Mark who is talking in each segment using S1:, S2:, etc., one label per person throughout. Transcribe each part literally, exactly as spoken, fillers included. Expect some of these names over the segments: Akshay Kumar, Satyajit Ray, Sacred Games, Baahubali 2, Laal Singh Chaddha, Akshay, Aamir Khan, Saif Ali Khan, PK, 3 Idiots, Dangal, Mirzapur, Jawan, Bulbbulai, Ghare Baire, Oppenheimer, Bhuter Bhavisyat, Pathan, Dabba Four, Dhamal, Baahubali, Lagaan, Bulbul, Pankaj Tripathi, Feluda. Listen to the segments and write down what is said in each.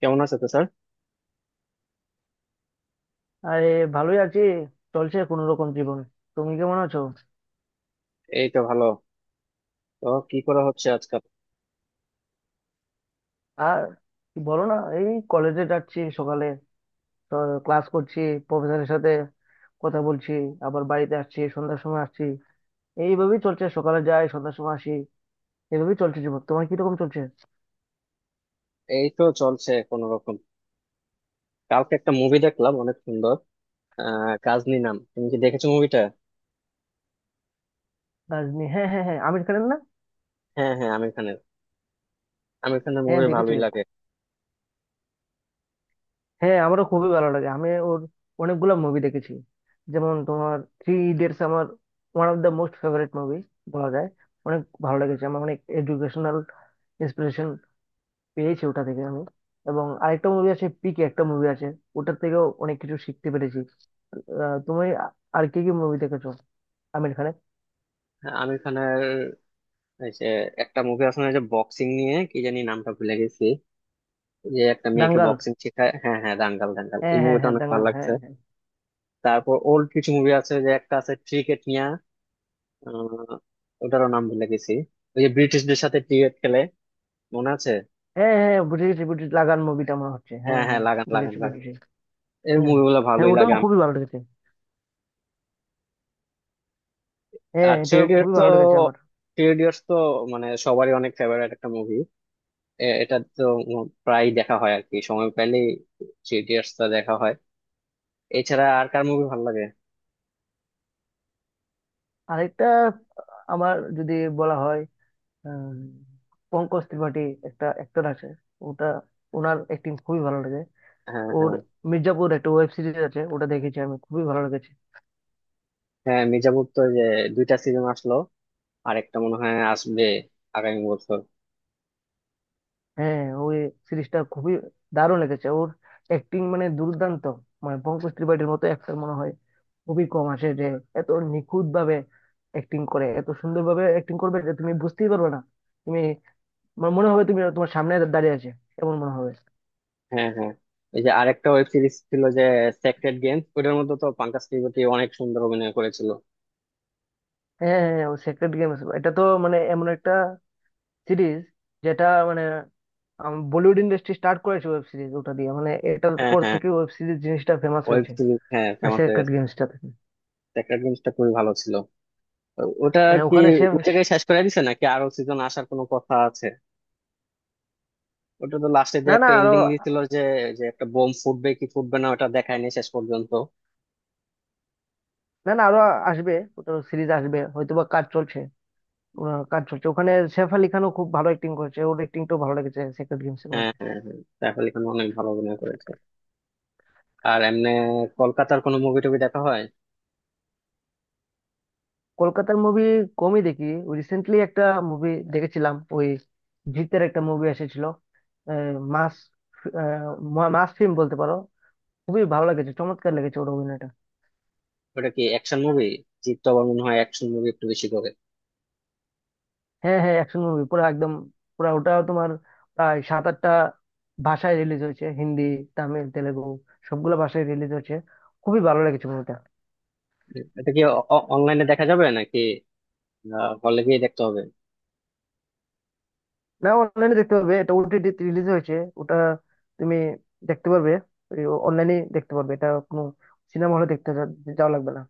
S1: কেমন আছে তো স্যার?
S2: আরে, ভালোই আছি। চলছে কোনো রকম জীবন। তুমি কেমন আছো?
S1: এই তো ভালো। তো কি করা হচ্ছে আজকাল?
S2: আর কি বলো না, এই কলেজে যাচ্ছি সকালে, তো ক্লাস করছি, প্রফেসরের সাথে কথা বলছি, আবার বাড়িতে আসছি সন্ধ্যার সময় আসছি। এইভাবেই চলছে, সকালে যাই সন্ধ্যার সময় আসি। এইভাবেই চলছে জীবন। তোমার কিরকম চলছে?
S1: এই তো চলছে কোনো রকম। কালকে একটা মুভি দেখলাম, অনেক সুন্দর। আহ কাজনি নাম, তুমি কি দেখেছো মুভিটা?
S2: রাজনী, হ্যাঁ হ্যাঁ হ্যাঁ, আমির খানের না?
S1: হ্যাঁ হ্যাঁ, আমির খানের। আমির খানের
S2: হ্যাঁ,
S1: মুভি
S2: দেখেছি।
S1: ভালোই লাগে।
S2: হ্যাঁ, আমারও খুবই ভালো লাগে। আমি ওর অনেকগুলো মুভি দেখেছি। যেমন তোমার থ্রি ইডিয়টস আমার one of the most favourite movie বলা যায়। অনেক ভালো লেগেছে আমার, অনেক এডুকেশনাল ইন্সপিরেশন পেয়েছি ওটা থেকে আমি। এবং আরেকটা মুভি আছে পিকে, একটা মুভি আছে, ওটার থেকেও অনেক কিছু শিখতে পেরেছি। আহ, তুমি আ- আর কি কি মুভি দেখেছো আমির খানের?
S1: হ্যাঁ, আমির খানের। এই যে একটা মুভি আছে না, এই যে বক্সিং নিয়ে, কি জানি নামটা ভুলে গেছি, যে একটা মেয়েকে
S2: দাঙ্গাল,
S1: বক্সিং শেখায়। হ্যাঁ হ্যাঁ, দাঙ্গাল দাঙ্গাল, ওই
S2: হ্যাঁ হ্যাঁ
S1: মুভিটা
S2: হ্যাঁ,
S1: অনেক ভালো
S2: দাঙ্গাল, হ্যাঁ
S1: লাগছে।
S2: হ্যাঁ,
S1: তারপর ওর কিছু মুভি আছে, যে একটা আছে ক্রিকেট নিয়ে, আহ ওটারও নাম ভুলে গেছি। ওই যে ব্রিটিশদের সাথে ক্রিকেট খেলে, মনে আছে?
S2: হ্যাঁ হ্যাঁ হ্যাঁ, বুঝে গেছি বুঝে গেছি। লাগান মুভিটা মনে হচ্ছে,
S1: হ্যাঁ
S2: হ্যাঁ
S1: হ্যাঁ,
S2: হ্যাঁ,
S1: লাগান লাগান
S2: বুঝেছি
S1: লাগান।
S2: বুঝেছি।
S1: এর
S2: হ্যাঁ
S1: মুভিগুলো
S2: হ্যাঁ,
S1: ভালোই
S2: ওটাও
S1: লাগে আমার।
S2: খুবই ভালো লেগেছে। হ্যাঁ
S1: আর থ্রি
S2: এটা
S1: ইডিয়টস
S2: খুবই
S1: তো,
S2: ভালো লেগেছে আমার।
S1: থ্রি ইডিয়টস তো মানে সবারই অনেক ফেভারিট একটা মুভি। এটা তো উম প্রায় দেখা হয় আর কি, সময় পেলেই থ্রি ইডিয়টস টা দেখা হয়। এছাড়া আর কার মুভি ভালো লাগে?
S2: আরেকটা, আমার যদি বলা হয়, উম, পঙ্কজ ত্রিপাঠী একটা অ্যাক্টর আছে ওটা, ওনার অ্যাক্টিং খুবই ভালো লাগে।
S1: হ্যাঁ
S2: ওর
S1: হ্যাঁ
S2: মির্জাপুর একটা ওয়েব সিরিজ আছে, ওটা দেখেছি আমি, খুবই ভালো লেগেছে।
S1: হ্যাঁ। মির্জাপুর তো যে দুইটা সিজন আসলো, আর একটা মনে হয় আসবে আগামী বছর।
S2: হ্যাঁ ওই সিরিজটা খুবই দারুণ লেগেছে। ওর অ্যাক্টিং মানে দুর্দান্ত। মানে পঙ্কজ ত্রিপাঠীর মতো অ্যাক্টর মনে হয় খুবই কম আসে, যে এত নিখুঁত ভাবে অ্যাক্টিং করে, এত সুন্দর ভাবে অ্যাক্টিং করবে যে তুমি বুঝতেই পারবে না। তুমি, তোমার মনে হবে তুমি তোমার সামনে দাঁড়িয়ে আছে, এমন মনে হবে।
S1: হ্যাঁ হ্যাঁ। এই যে আরেকটা ওয়েব সিরিজ ছিল যে, সেক্রেড গেমস, ওটার মধ্যে তো পাঙ্কাজ ত্রিপাঠী অনেক সুন্দর অভিনয় করেছিল।
S2: হ্যাঁ হ্যাঁ হ্যাঁ, ও সেক্রেট গেমস, এটা তো মানে এমন একটা সিরিজ, যেটা মানে আম, বলিউড ইন্ডাস্ট্রি স্টার্ট করেছে ওয়েব সিরিজ ওটা দিয়ে। মানে এটার
S1: হ্যাঁ
S2: পর
S1: হ্যাঁ,
S2: থেকে ওয়েব সিরিজ জিনিসটা ফেমাস
S1: ওয়েব
S2: হয়েছে
S1: সিরিজ হ্যাঁ ফেমাস হয়ে
S2: সেক্রেট
S1: গেছে।
S2: গেমসটা থেকে।
S1: ট্যাকরা গেমসটা খুবই ভালো ছিল। তো ওটা
S2: হ্যাঁ
S1: কি
S2: ওখানে সে,
S1: ওই জায়গায় শেষ করে দিছে, নাকি আরো সিজন আসার কোনো কথা আছে? ওটা তো লাস্টে
S2: না
S1: দিয়ে
S2: না
S1: একটা
S2: আরো,
S1: এন্ডিং দিছিল যে, যে একটা বোম ফুটবে কি ফুটবে না, ওটা দেখায়নি শেষ পর্যন্ত।
S2: না না আরো আসবে। ওটা সিরিজ আসবে হয়তোবা, কাজ চলছে ওরা, কাজ চলছে ওখানে। সেফ আলি খানও খুব ভালো অ্যাক্টিং করেছে, ওর অ্যাক্টিংটাও ভালো লেগেছে সেক্রেট গেমস এর
S1: হ্যাঁ
S2: মধ্যে।
S1: হ্যাঁ হ্যাঁ, সাইফ আলি খান অনেক ভালো অভিনয় করেছে। আর এমনি কলকাতার কোনো মুভি টুভি দেখা হয়?
S2: কলকাতার মুভি কমই দেখি। রিসেন্টলি একটা মুভি দেখেছিলাম, ওই জিতের একটা মুভি এসেছিল। আহ, মাস, আহ, মা- মাস ফিল্ম বলতে পারো। খুবই ভালো লেগেছে, চমৎকার লেগেছে ওর অভিনয়টা।
S1: ওটা কি অ্যাকশন মুভি? জিৎ তো আবার মনে হয় অ্যাকশন মুভি একটু বেশি করে।
S2: হ্যাঁ হ্যাঁ, অ্যাকশন মুভি পুরো একদম, পুরো ওটা তোমার প্রায় সাত আটটা ভাষায় রিলিজ হয়েছে, হিন্দি, তামিল, তেলেগু, সবগুলো ভাষায় রিলিজ হয়েছে। খুবই ভালো লেগেছে মুভিটা।
S1: হুম, এটা কি অনলাইনে দেখা যাবে নাকি হলে গিয়ে দেখতে হবে?
S2: না, অনলাইনে দেখতে পারবে, এটা ওটিটি রিলিজ হয়েছে। ওটা তুমি দেখতে পারবে, অনলাইনে দেখতে পারবে, এটা কোনো সিনেমা হলে দেখতে যা- যাওয়া লাগবে না।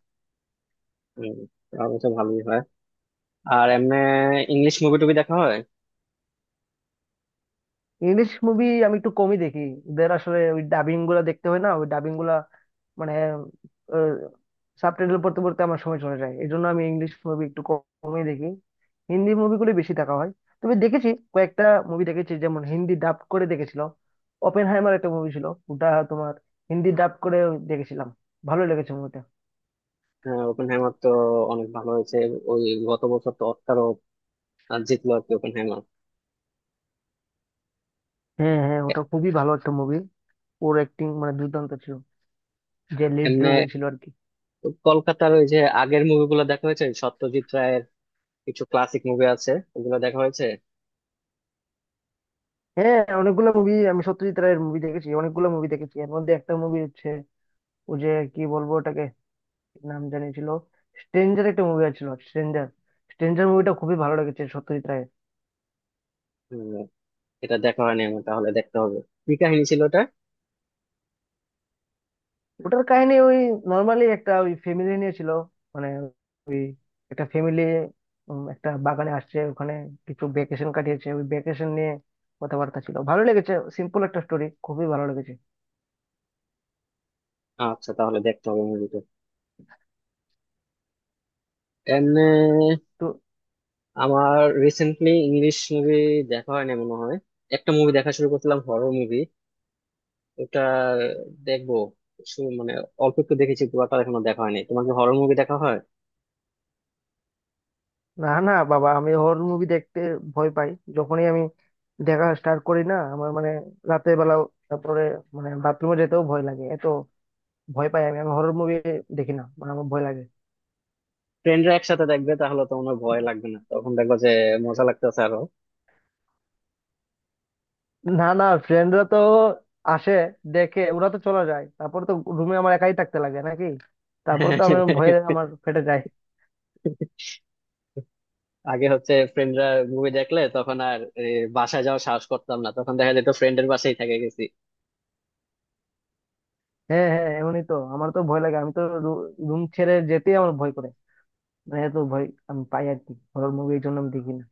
S1: হম, তাহলে তো ভালোই হয়। আর এমনি ইংলিশ মুভি টুভি দেখা হয়?
S2: ইংলিশ মুভি আমি একটু কমই দেখি। এদের আসলে ওই ডাবিং গুলা দেখতে হয় না, ওই ডাবিং গুলা মানে সাবটাইটেল পড়তে পড়তে আমার সময় চলে যায়, এই জন্য আমি ইংলিশ মুভি একটু কম- কমই দেখি। হিন্দি মুভিগুলো বেশি দেখা হয়, তবে দেখেছি কয়েকটা মুভি দেখেছি, যেমন হিন্দি ডাব করে দেখেছিল। ওপেন হাইমার একটা মুভি ছিল, ওটা তোমার হিন্দি ডাব করে দেখেছিলাম। ভালো লেগেছে মুভিটা।
S1: হ্যাঁ ওপেন হ্যামার তো অনেক ভালো হয়েছে। ওই গত বছর তো অস্কারও আহ, জিতলো আর কি ওপেন হ্যামার।
S2: হ্যাঁ হ্যাঁ, ওটা খুবই ভালো একটা মুভি। ওর অ্যাক্টিং মানে দুর্দান্ত ছিল, যে লিড
S1: এমনি
S2: রোলে ছিল আর কি।
S1: কলকাতার ওই যে আগের মুভিগুলো দেখা হয়েছে, সত্যজিৎ রায়ের কিছু ক্লাসিক মুভি আছে, ওগুলো দেখা হয়েছে?
S2: হ্যাঁ অনেকগুলো মুভি আমি সত্যজিৎ রায়ের মুভি দেখেছি, অনেকগুলো মুভি দেখেছি। এর মধ্যে একটা মুভি হচ্ছে, ও যে, কি বলবো ওটাকে, কি নাম জানি ছিল, স্ট্রেঞ্জার, একটা মুভি ছিল স্ট্রেঞ্জার। স্ট্রেঞ্জার মুভিটা খুবই ভালো লেগেছে সত্যজিৎ রায়ের।
S1: হম, এটা দেখা হয়নি আমার, তাহলে দেখতে হবে। কি কাহিনী ছিল ওটা?
S2: ওটার কাহিনী ওই নর্মালি একটা ওই ফ্যামিলি নিয়ে ছিল, মানে ওই একটা ফ্যামিলি একটা বাগানে আসছে, ওখানে কিছু ভ্যাকেশন কাটিয়েছে, ওই ভ্যাকেশন নিয়ে কথাবার্তা ছিল, ভালো লেগেছে। সিম্পল একটা স্টোরি, খুবই ভালো লেগেছে।
S1: আচ্ছা তাহলে দেখতে হবে মুভিটা। এমনি
S2: তো
S1: আমার রিসেন্টলি ইংলিশ মুভি দেখা হয়নি মনে হয়। একটা মুভি দেখা শুরু করছিলাম, হরর মুভি, ওটা দেখবো। শু- মানে অল্প একটু দেখেছি, পুরোটা এখনো দেখা হয়নি। তোমার কি হরর মুভি দেখা হয়?
S2: না না বাবা, আমি হরর মুভি দেখতে ভয় পাই। যখনই আমি দেখা স্টার্ট করি না, আমার মানে রাতের বেলা, তারপরে মানে বাথরুমে যেতেও ভয় লাগে, এত ভয় পাই আমি। আমি হরর মুভি দেখি না, মানে আমার ভয় লাগে।
S1: ফ্রেন্ডরা একসাথে দেখবে, তাহলে তো মনে হয় ভয় লাগবে না, তখন দেখবো যে মজা লাগতেছে আরো।
S2: না না, ফ্রেন্ডরা তো আসে, দেখে, ওরা তো চলে যায়, তারপর তো রুমে আমার একাই থাকতে লাগে নাকি, তারপর তো আমি ভয়ে আমার ফেটে যায়।
S1: আগে হচ্ছে ফ্রেন্ডরা মুভি দেখলে তখন আর এ, বাসায় যাওয়ার সাহস করতাম না, তখন দেখা যেত ফ্রেন্ডের বাসায় থেকে গেছি।
S2: হ্যাঁ হ্যাঁ এমনই, তো আমার তো ভয় লাগে, আমি তো রুম ছেড়ে যেতেই আমার ভয় করে। মানে এত ভয় আমি পাই আর কি হরর মুভি, এই জন্য আমি দেখি না।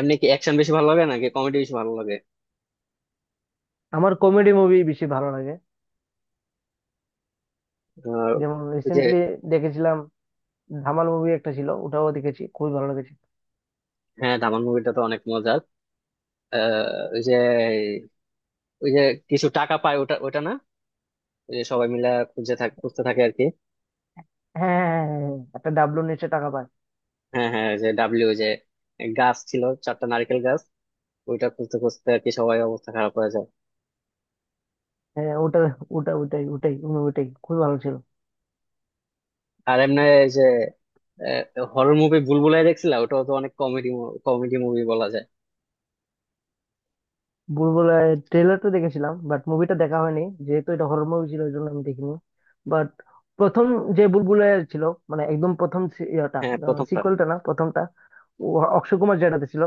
S1: এমনি কি অ্যাকশন বেশি ভালো লাগে নাকি কমেডি বেশি ভালো লাগে?
S2: আমার কমেডি মুভি বেশি ভালো লাগে,
S1: আহ,
S2: যেমন
S1: ওই যে।
S2: রিসেন্টলি দেখেছিলাম ধামাল মুভি একটা ছিল, ওটাও দেখেছি, খুবই ভালো লেগেছে।
S1: হ্যাঁ ধামাল মুভিটা তো অনেক মজার। আহ, ওই যে, ওই যে কিছু টাকা পায়, ওটা ওটা না, ওই যে সবাই মিলে খুঁজে থাকে, খুঁজতে থাকে আর কি।
S2: হ্যাঁ হ্যাঁ হ্যাঁ হ্যাঁ, হ্যাঁ, একটা ডাবলু নিচে টাকা পায়।
S1: হ্যাঁ হ্যাঁ, ওই যে ডাব্লিউ যে গাছ ছিল, চারটা নারকেল গাছ, ওইটা খুঁজতে খুঁজতে আর কি সবাই অবস্থা খারাপ হয়ে যায়।
S2: হ্যাঁ ওটা, ওটা ওটাই ওটাই মুভিটাই খুবই ভালো ছিল।
S1: আর এমনি এই যে হরর মুভি বুলবুলাই দেখছিলা, ওটাও তো অনেক কমেডি, কমেডি মুভি বলা যায়।
S2: বুলবুল ট্রেলার তো দেখেছিলাম, বাট মুভিটা দেখা হয়নি, যেহেতু এটা হরর মুভি ছিল ওই জন্য আমি দেখিনি। বাট প্রথম যে বুলবুলের ছিল, মানে একদম প্রথম, সি- ইয়েটা,
S1: হ্যাঁ প্রথমটা।
S2: সিকুয়েলটা না, প্রথমটা, ও অক্ষয় কুমার যেটাতে ছিল,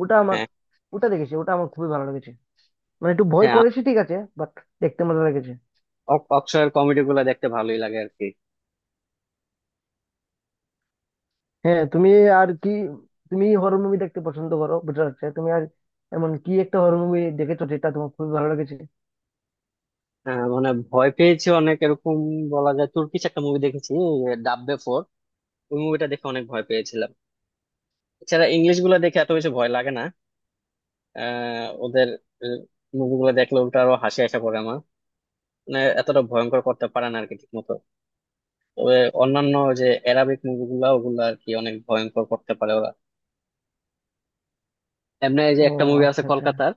S2: ওটা আমার,
S1: হ্যাঁ
S2: ওটা দেখেছি, ওটা আমার খুবই ভালো লেগেছে। মানে একটু ভয়
S1: হ্যাঁ।
S2: করেছি ঠিক আছে, বাট দেখতে মজা লেগেছে।
S1: অ- অক্ষয়ের কমেডি গুলা দেখতে ভালোই লাগে আর কি।
S2: হ্যাঁ তুমি, আর কি, তুমি হরর মুভি দেখতে পছন্দ করো বুঝতে পারছি। তুমি আর এমন কি একটা হরর মুভি দেখেছো যেটা তোমার খুবই ভালো লেগেছে?
S1: আহ, মানে ভয় পেয়েছি অনেক, এরকম বলা যায় তুর্কিশ একটা মুভি দেখেছি, ডাব্বে ফোর, ওই মুভিটা দেখে অনেক ভয় পেয়েছিলাম। এছাড়া ইংলিশ গুলা দেখে এত বেশি ভয় লাগে না। আহ ওদের মুভিগুলো দেখলে ওটা আরো হাসি আসা পড়ে আমার, মানে এতটা ভয়ঙ্কর করতে পারে না আর কি ঠিক মতো। তবে অন্যান্য যে অ্যারাবিক মুভিগুলা ওগুলা আর কি অনেক ভয়ঙ্কর করতে পারে ওরা। এমনি এই যে
S2: ও
S1: একটা মুভি আছে
S2: আচ্ছা আচ্ছা।
S1: কলকাতার,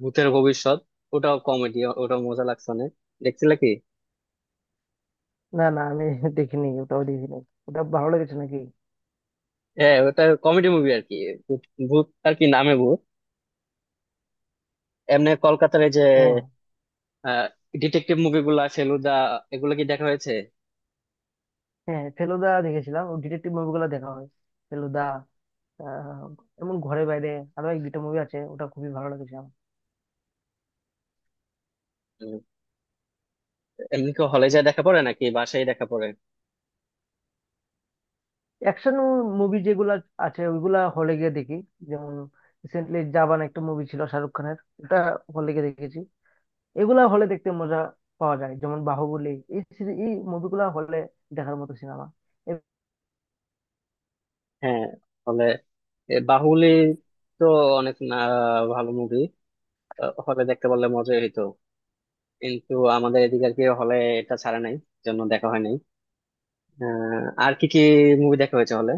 S1: ভূতের ভবিষ্যৎ, ওটাও কমেডি, ওটাও মজা লাগছে অনেক। দেখছিলে কি?
S2: না না আমি দেখিনি, ওটাও দেখিনি। ওটা ভালো লেগেছে নাকি?
S1: হ্যাঁ ওটা কমেডি মুভি আর কি, ভূত, ভূত আর কি নামে, ভূত। এমনি কলকাতার এই যে
S2: ও
S1: ডিটেকটিভ মুভিগুলা ফেলুদা, এগুলো কি দেখা হয়েছে?
S2: হ্যাঁ, ফেলুদা দেখেছিলাম, ও ডিটেকটিভ মুভিগুলো দেখা হয়, ফেলুদা, আহ, এমন ঘরে বাইরে, আরো এক দুইটা মুভি আছে, ওটা খুবই ভালো লেগেছে আমার।
S1: উম, এমনি কি হলে যায় দেখা পড়ে নাকি বাসায় দেখা পড়ে?
S2: অ্যাকশন মুভি যেগুলা আছে ওইগুলা হলে গিয়ে দেখি। যেমন রিসেন্টলি জাবান একটা মুভি ছিল শাহরুখ খানের, ওটা হলে গিয়ে দেখেছি। এগুলা হলে দেখতে মজা পাওয়া যায়, যেমন বাহুবলী, এই সিরি- এই মুভিগুলা হলে দেখার মতো সিনেমা।
S1: হ্যাঁ হলে। এ, বাহুবলী তো অনেক না ভালো মুভি, হলে দেখতে পারলে মজাই হইতো। কিন্তু আমাদের এদিকে আর কি হলে এটা ছাড়া নাই, জন্য দেখা হয়নি। আহ, আর কি কি মুভি দেখা হয়েছে হলে?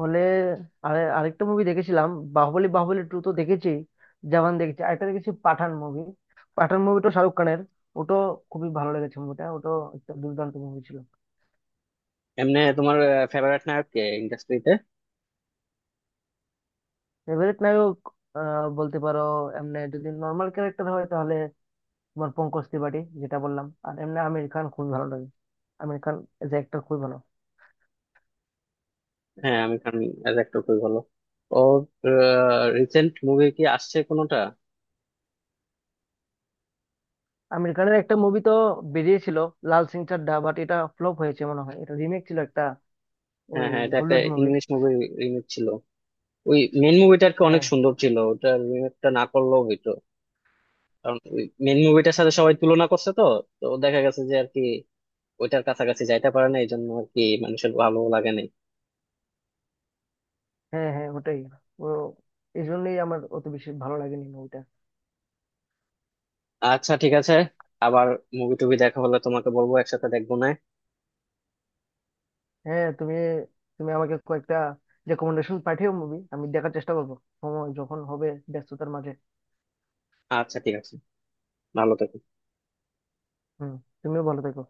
S2: হলে আর আরেকটা মুভি দেখেছিলাম, বাহুবলী, বাহুবলী টু তো দেখেছি, জওয়ান দেখেছি, আরেকটা দেখেছি পাঠান মুভি, পাঠান মুভিটা শাহরুখ খানের। ওটাও খুবই ভালো লেগেছে মুভিটা, ওটাও একটা দুর্দান্ত মুভি ছিল।
S1: এমনি তোমার ফেভারিট নায়ক কে ইন্ডাস্ট্রিতে?
S2: ফেভারিট নায়ক, আহ, বলতে পারো এমনি যদি নর্মাল ক্যারেক্টার হয় তাহলে তোমার পঙ্কজ ত্রিপাঠী, যেটা বললাম। আর এমনি আমির খান খুবই ভালো লাগে, Aamir Khan as a actor খুবই ভালো।
S1: হ্যাঁ আমি খান অ্যাজ অ্যাক্টর খুবই ভালো। ওর রিসেন্ট মুভি কি আসছে কোনোটা?
S2: আমেরিকানের একটা মুভি তো বেরিয়েছিল, লাল সিং চাড্ডা, বাট এটা ফ্লপ হয়েছে মনে হয়, এটা রিমেক ছিল একটা, এই
S1: হ্যাঁ হ্যাঁ, এটা একটা
S2: হলিউড মুভির।
S1: ইংলিশ মুভি রিমেক ছিল। ওই মেন মুভিটা আর কি অনেক
S2: হ্যাঁ
S1: সুন্দর ছিল, ওটা রিমেকটা না করলেও হইতো। কারণ ওই মেন মুভিটার সাথে সবাই তুলনা করছে তো, তো দেখা গেছে যে আর কি ওইটার কাছাকাছি যাইতে পারে না, এই জন্য আর কি মানুষের ভালো লাগে নাই।
S2: হ্যাঁ হ্যাঁ ওটাই, ও এই জন্যই আমার অত বেশি ভালো লাগেনি মুভিটা।
S1: আচ্ছা ঠিক আছে। আবার মুভি টুভি দেখা হলে তোমাকে বলবো, একসাথে দেখবো না।
S2: হ্যাঁ তুমি, তুমি আমাকে কয়েকটা রেকমেন্ডেশন পাঠিও মুভি, আমি দেখার চেষ্টা করবো, সময় যখন হবে, ব্যস্ততার মাঝে।
S1: আচ্ছা ঠিক আছে, ভালো থেকো।
S2: হুম, তুমিও ভালো থেকো।